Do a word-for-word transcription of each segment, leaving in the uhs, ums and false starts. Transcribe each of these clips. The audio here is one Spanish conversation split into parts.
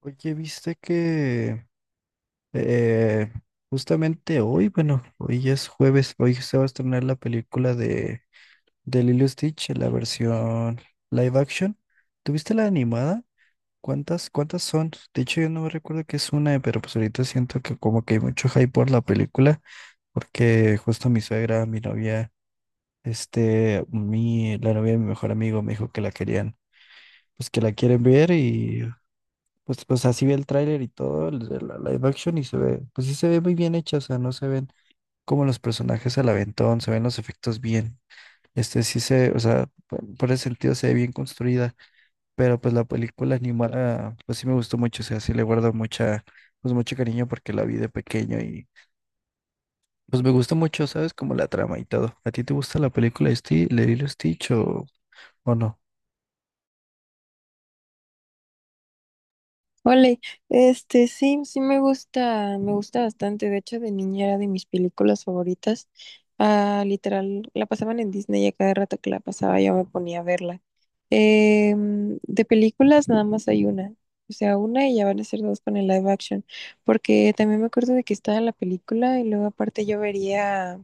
Oye, viste que eh, justamente hoy, bueno, hoy es jueves, hoy se va a estrenar la película de, de Lilo y Stitch, la versión live action. ¿Tuviste la animada? ¿Cuántas, cuántas son? De hecho, yo no me recuerdo que es una, pero pues ahorita siento que como que hay mucho hype por la película, porque justo mi suegra, mi novia, este, mi, la novia de mi mejor amigo me dijo que la querían, pues que la quieren ver y pues, pues así vi el tráiler y todo, el de la live action y se ve, pues sí se ve muy bien hecha, o sea, no se ven como los personajes al aventón, se ven los efectos bien. Este sí se, o sea, por, por ese sentido se ve bien construida, pero pues la película animada, pues sí me gustó mucho, o sea, sí le guardo mucha, pues mucho cariño porque la vi de pequeño y pues me gustó mucho, ¿sabes? Como la trama y todo. ¿A ti te gusta la película de Sti- de Lilo y Stitch o, o no? Ole, este sí, sí me gusta, me gusta bastante. De hecho, de niña era de mis películas favoritas. Ah, literal, la pasaban en Disney y a cada rato que la pasaba yo me ponía a verla. Em, de películas nada más hay una. O sea, una y ya van a ser dos con el live action. Porque también me acuerdo de que estaba la película y luego aparte yo vería,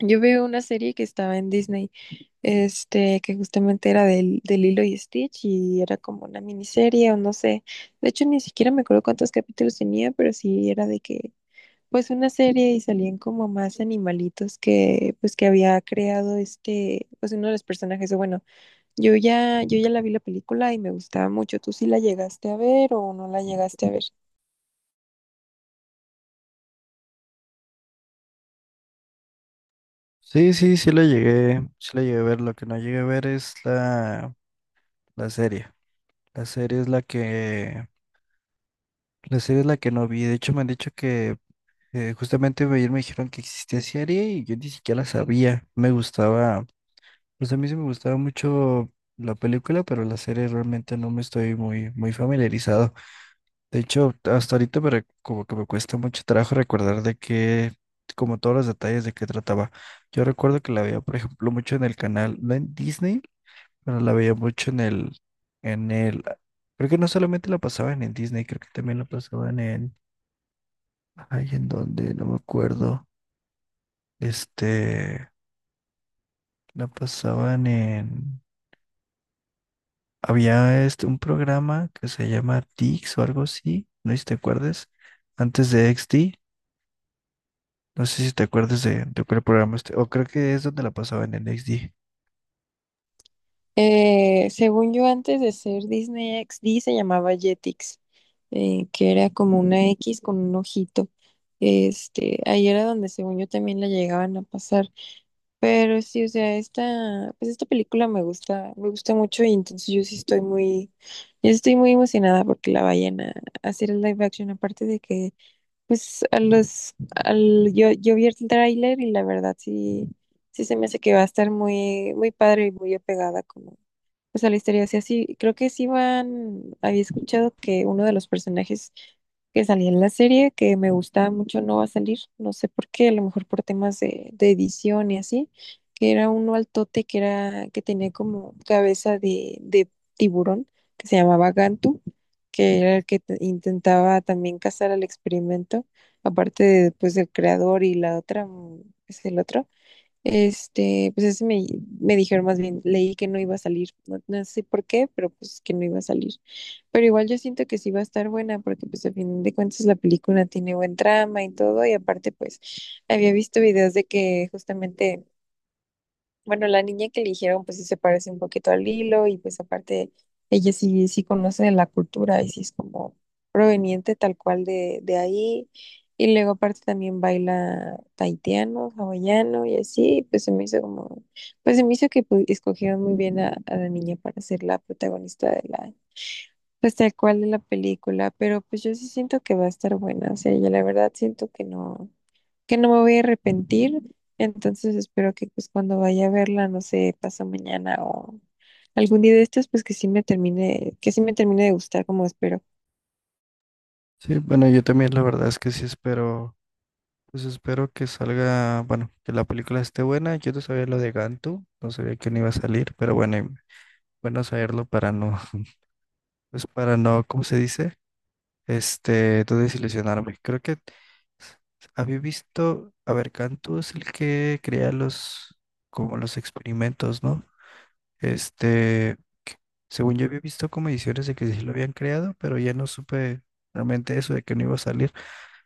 yo veo una serie que estaba en Disney este, que justamente era del, de Lilo y Stitch, y era como una miniserie o no sé. De hecho, ni siquiera me acuerdo cuántos capítulos tenía, pero sí era de que, pues, una serie, y salían como más animalitos que, pues, que había creado, este, pues uno de los personajes. O bueno, yo ya, yo ya la vi la película y me gustaba mucho. ¿Tú sí la llegaste a ver o no la llegaste a ver? Sí, sí, sí la llegué, sí la llegué a ver, lo que no llegué a ver es la, la serie. La serie es la que, la serie es la que no vi. De hecho, me han dicho que eh, justamente ayer me dijeron que existía serie y yo ni siquiera la sabía. Me gustaba, pues a mí sí me gustaba mucho la película, pero la serie realmente no me estoy muy, muy familiarizado. De hecho, hasta ahorita me, re- como que me cuesta mucho trabajo recordar de qué, como todos los detalles de qué trataba. Yo recuerdo que la veía, por ejemplo, mucho en el canal, no en Disney, pero la veía mucho en el, en el, creo que no solamente la pasaba en el Disney, creo que también la pasaban en, ay, en donde, no me acuerdo, este, la pasaban en, había este, un programa que se llama Dix o algo así, no sé si te acuerdas, antes de X D, no sé si te acuerdas de, de cuál programa este, o creo que es donde la pasaban en X D. Eh, según yo, antes de ser Disney X D se llamaba Jetix, eh, que era como una X con un ojito. Este, ahí era donde, según yo, también la llegaban a pasar. Pero sí, o sea, esta, pues esta película me gusta, me gusta mucho, y entonces yo sí estoy muy, yo sí estoy muy emocionada porque la vayan a, a hacer el live action. Aparte de que, pues, a los, al, yo, yo vi el tráiler y la verdad sí, sí se me hace que va a estar muy, muy padre y muy apegada como, o sea, la historia, o sea, sí, así, creo que sí van, había escuchado que uno de los personajes que salía en la serie, que me gustaba mucho, no va a salir, no sé por qué, a lo mejor por temas de, de edición y así, que era uno altote que era, que tenía como cabeza de, de tiburón, que se llamaba Gantu, que era el que te- intentaba también cazar al experimento, aparte de, pues, del creador y la otra, mm, es el otro. Este, pues ese me, me dijeron, más bien, leí que no iba a salir, no, no sé por qué, pero pues que no iba a salir. Pero igual yo siento que sí va a estar buena, porque pues a fin de cuentas la película tiene buen trama y todo, y aparte pues había visto videos de que justamente, bueno, la niña que eligieron pues sí se parece un poquito al hilo, y pues aparte ella sí, sí conoce la cultura y sí es como proveniente tal cual de, de ahí. Y luego aparte también baila tahitiano, hawaiano y así, pues se me hizo como, pues se me hizo que pues escogieron muy bien a, a la niña para ser la protagonista de la, pues tal cual de la película, pero pues yo sí siento que va a estar buena. O sea, yo la verdad siento que no que no me voy a arrepentir. Entonces espero que pues cuando vaya a verla, no sé, pasa mañana o algún día de estos, pues que sí me termine, que sí me termine de gustar como espero. Sí, bueno, yo también la verdad es que sí espero. Pues espero que salga, bueno, que la película esté buena. Yo no sabía lo de Gantu, no sabía quién iba a salir, pero bueno, y bueno saberlo para no, pues para no, ¿cómo se dice? Este, no desilusionarme. Creo que había visto, a ver, Gantu es el que crea los, como los experimentos, ¿no? Este, según yo había visto como ediciones de que sí lo habían creado, pero ya no supe realmente eso de que no iba a salir.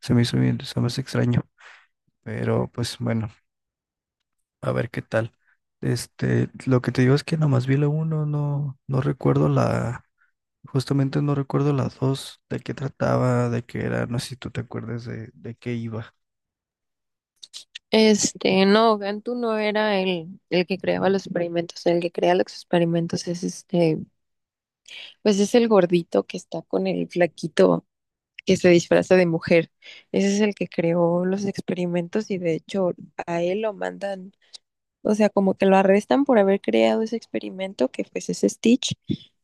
Se me hizo bien, se me hace extraño, pero pues bueno. A ver qué tal. Este, lo que te digo es que nomás vi la uno, no, no recuerdo la, justamente no recuerdo las dos, de qué trataba, de qué era, no sé si tú te acuerdas de, de qué iba. Este, no, Gantu no era el, el que creaba los experimentos. El que crea los experimentos es este, pues es el gordito que está con el flaquito que se disfraza de mujer. Ese es el que creó los experimentos, y de hecho a él lo mandan. O sea, como que lo arrestan por haber creado ese experimento que pues es Stitch.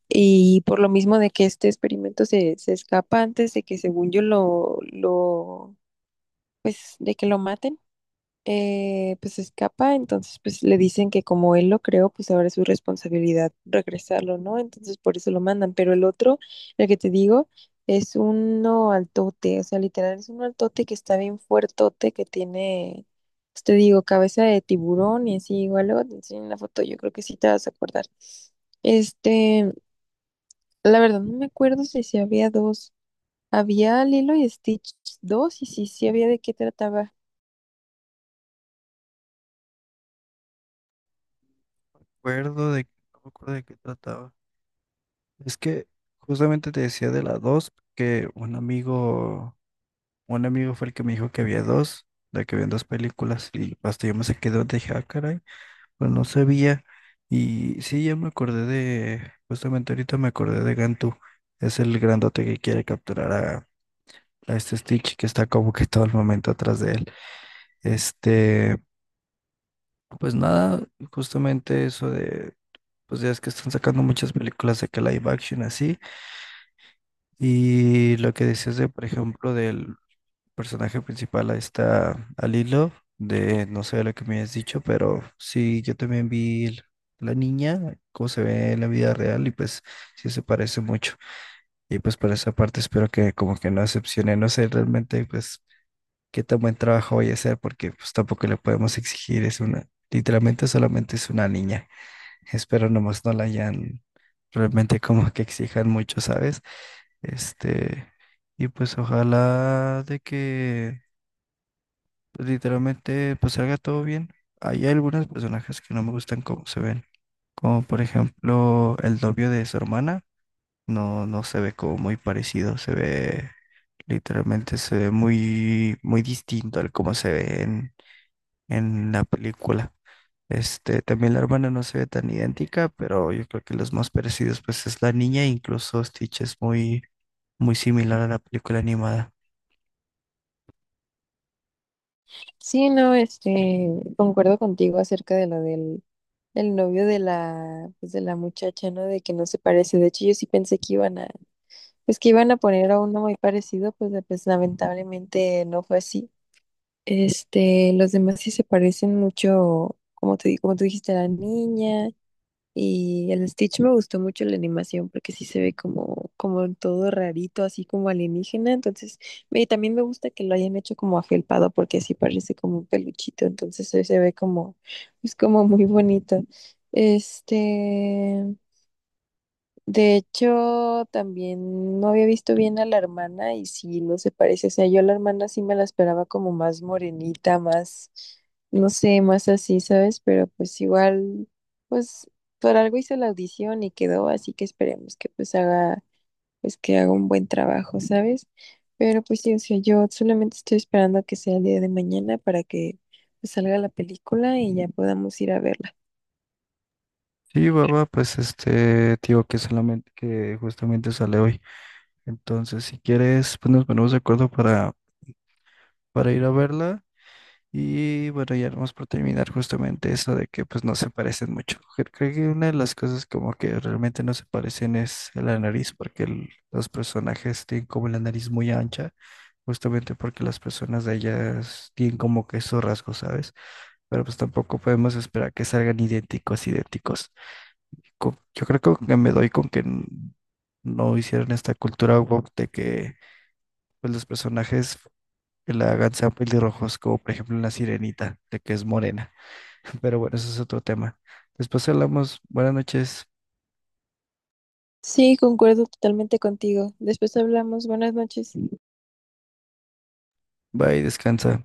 Y por lo mismo de que este experimento se, se escapa antes de que, según yo, lo, lo, pues, de que lo maten, eh, pues escapa. Entonces pues le dicen que como él lo creó, pues ahora es su responsabilidad regresarlo, ¿no? Entonces por eso lo mandan, pero el otro, el que te digo, es uno altote, o sea, literal es un altote que está bien fuertote, que tiene, pues, te digo, cabeza de tiburón y así. Igual luego te enseño una foto, yo creo que sí te vas a acordar. Este, la verdad no me acuerdo si, si había dos, había Lilo y Stitch dos, y si sí, sí había, de qué trataba. Recuerdo de, no me acuerdo de qué trataba. Es que justamente te decía de las dos, que un amigo, un amigo fue el que me dijo que había dos, de que habían dos películas, y hasta yo me saqué de onda y dije, ah, caray. Pues no sabía. Y sí, ya me acordé de, justamente ahorita me acordé de Gantu. Es el grandote que quiere capturar a, a este Stitch que está como que todo el momento atrás de él. Este, pues nada, justamente eso de, pues ya es que están sacando muchas películas de que live action así. Y lo que decías de, por ejemplo, del personaje principal a esta, a Lilo, de no sé lo que me has dicho, pero sí, yo también vi el- la niña, cómo se ve en la vida real, y pues sí se parece mucho. Y pues por esa parte espero que como que no decepcione, no sé realmente pues qué tan buen trabajo voy a hacer, porque pues tampoco le podemos exigir, es una, literalmente solamente es una niña. Espero nomás no la hayan realmente como que exijan mucho, ¿sabes? Este, y pues ojalá de que pues, literalmente pues salga todo bien. Hay algunos personajes que no me gustan cómo se ven, como por ejemplo el novio de su hermana, no, no se ve como muy parecido, se ve literalmente, se ve muy, muy distinto al cómo se ve en, en la película. Este, también la hermana no se ve tan idéntica, pero yo creo que los más parecidos pues es la niña, incluso Stitch es muy, muy similar a la película animada. Sí, no, este, concuerdo contigo acerca de lo del, del novio de la, pues, de la muchacha, ¿no? De que no se parece. De hecho, yo sí pensé que iban a, pues que iban a poner a uno muy parecido, pues, de- pues lamentablemente no fue así. Este, los demás sí se parecen mucho, como te, como tú dijiste, a la niña. Y el Stitch me gustó mucho la animación porque sí se ve como, como en todo rarito, así como alienígena. Entonces, me- también me gusta que lo hayan hecho como afelpado porque así parece como un peluchito. Entonces, se se ve como, es como muy bonito. Este, de hecho, también no había visto bien a la hermana y sí, no se parece. O sea, yo a la hermana sí me la esperaba como más morenita, más, no sé, más así, ¿sabes? Pero pues igual, pues por algo hizo la audición y quedó, así que esperemos que pues haga, pues que haga un buen trabajo, ¿sabes? Pero pues sí, o sea, yo solamente estoy esperando a que sea el día de mañana para que pues salga la película y ya podamos ir a verla. Sí, baba pues este, tío, que solamente, que justamente sale hoy. Entonces, si quieres, pues nos ponemos de acuerdo para, para ir a verla. Y bueno, ya vamos por terminar justamente eso de que pues no se parecen mucho. Cre- Creo que una de las cosas como que realmente no se parecen es la nariz, porque el- los personajes tienen como la nariz muy ancha, justamente porque las personas de ellas tienen como que esos rasgos, ¿sabes? Pero pues tampoco podemos esperar que salgan idénticos, idénticos. Co- Yo creo que me doy con que n- no hicieron esta cultura woke de que pues los personajes que la hagan sean pelirrojos, como por ejemplo en La Sirenita, de que es morena. Pero bueno, eso es otro tema. Después hablamos. Buenas noches. Sí, concuerdo totalmente contigo. Después hablamos. Buenas noches. Bye, descansa.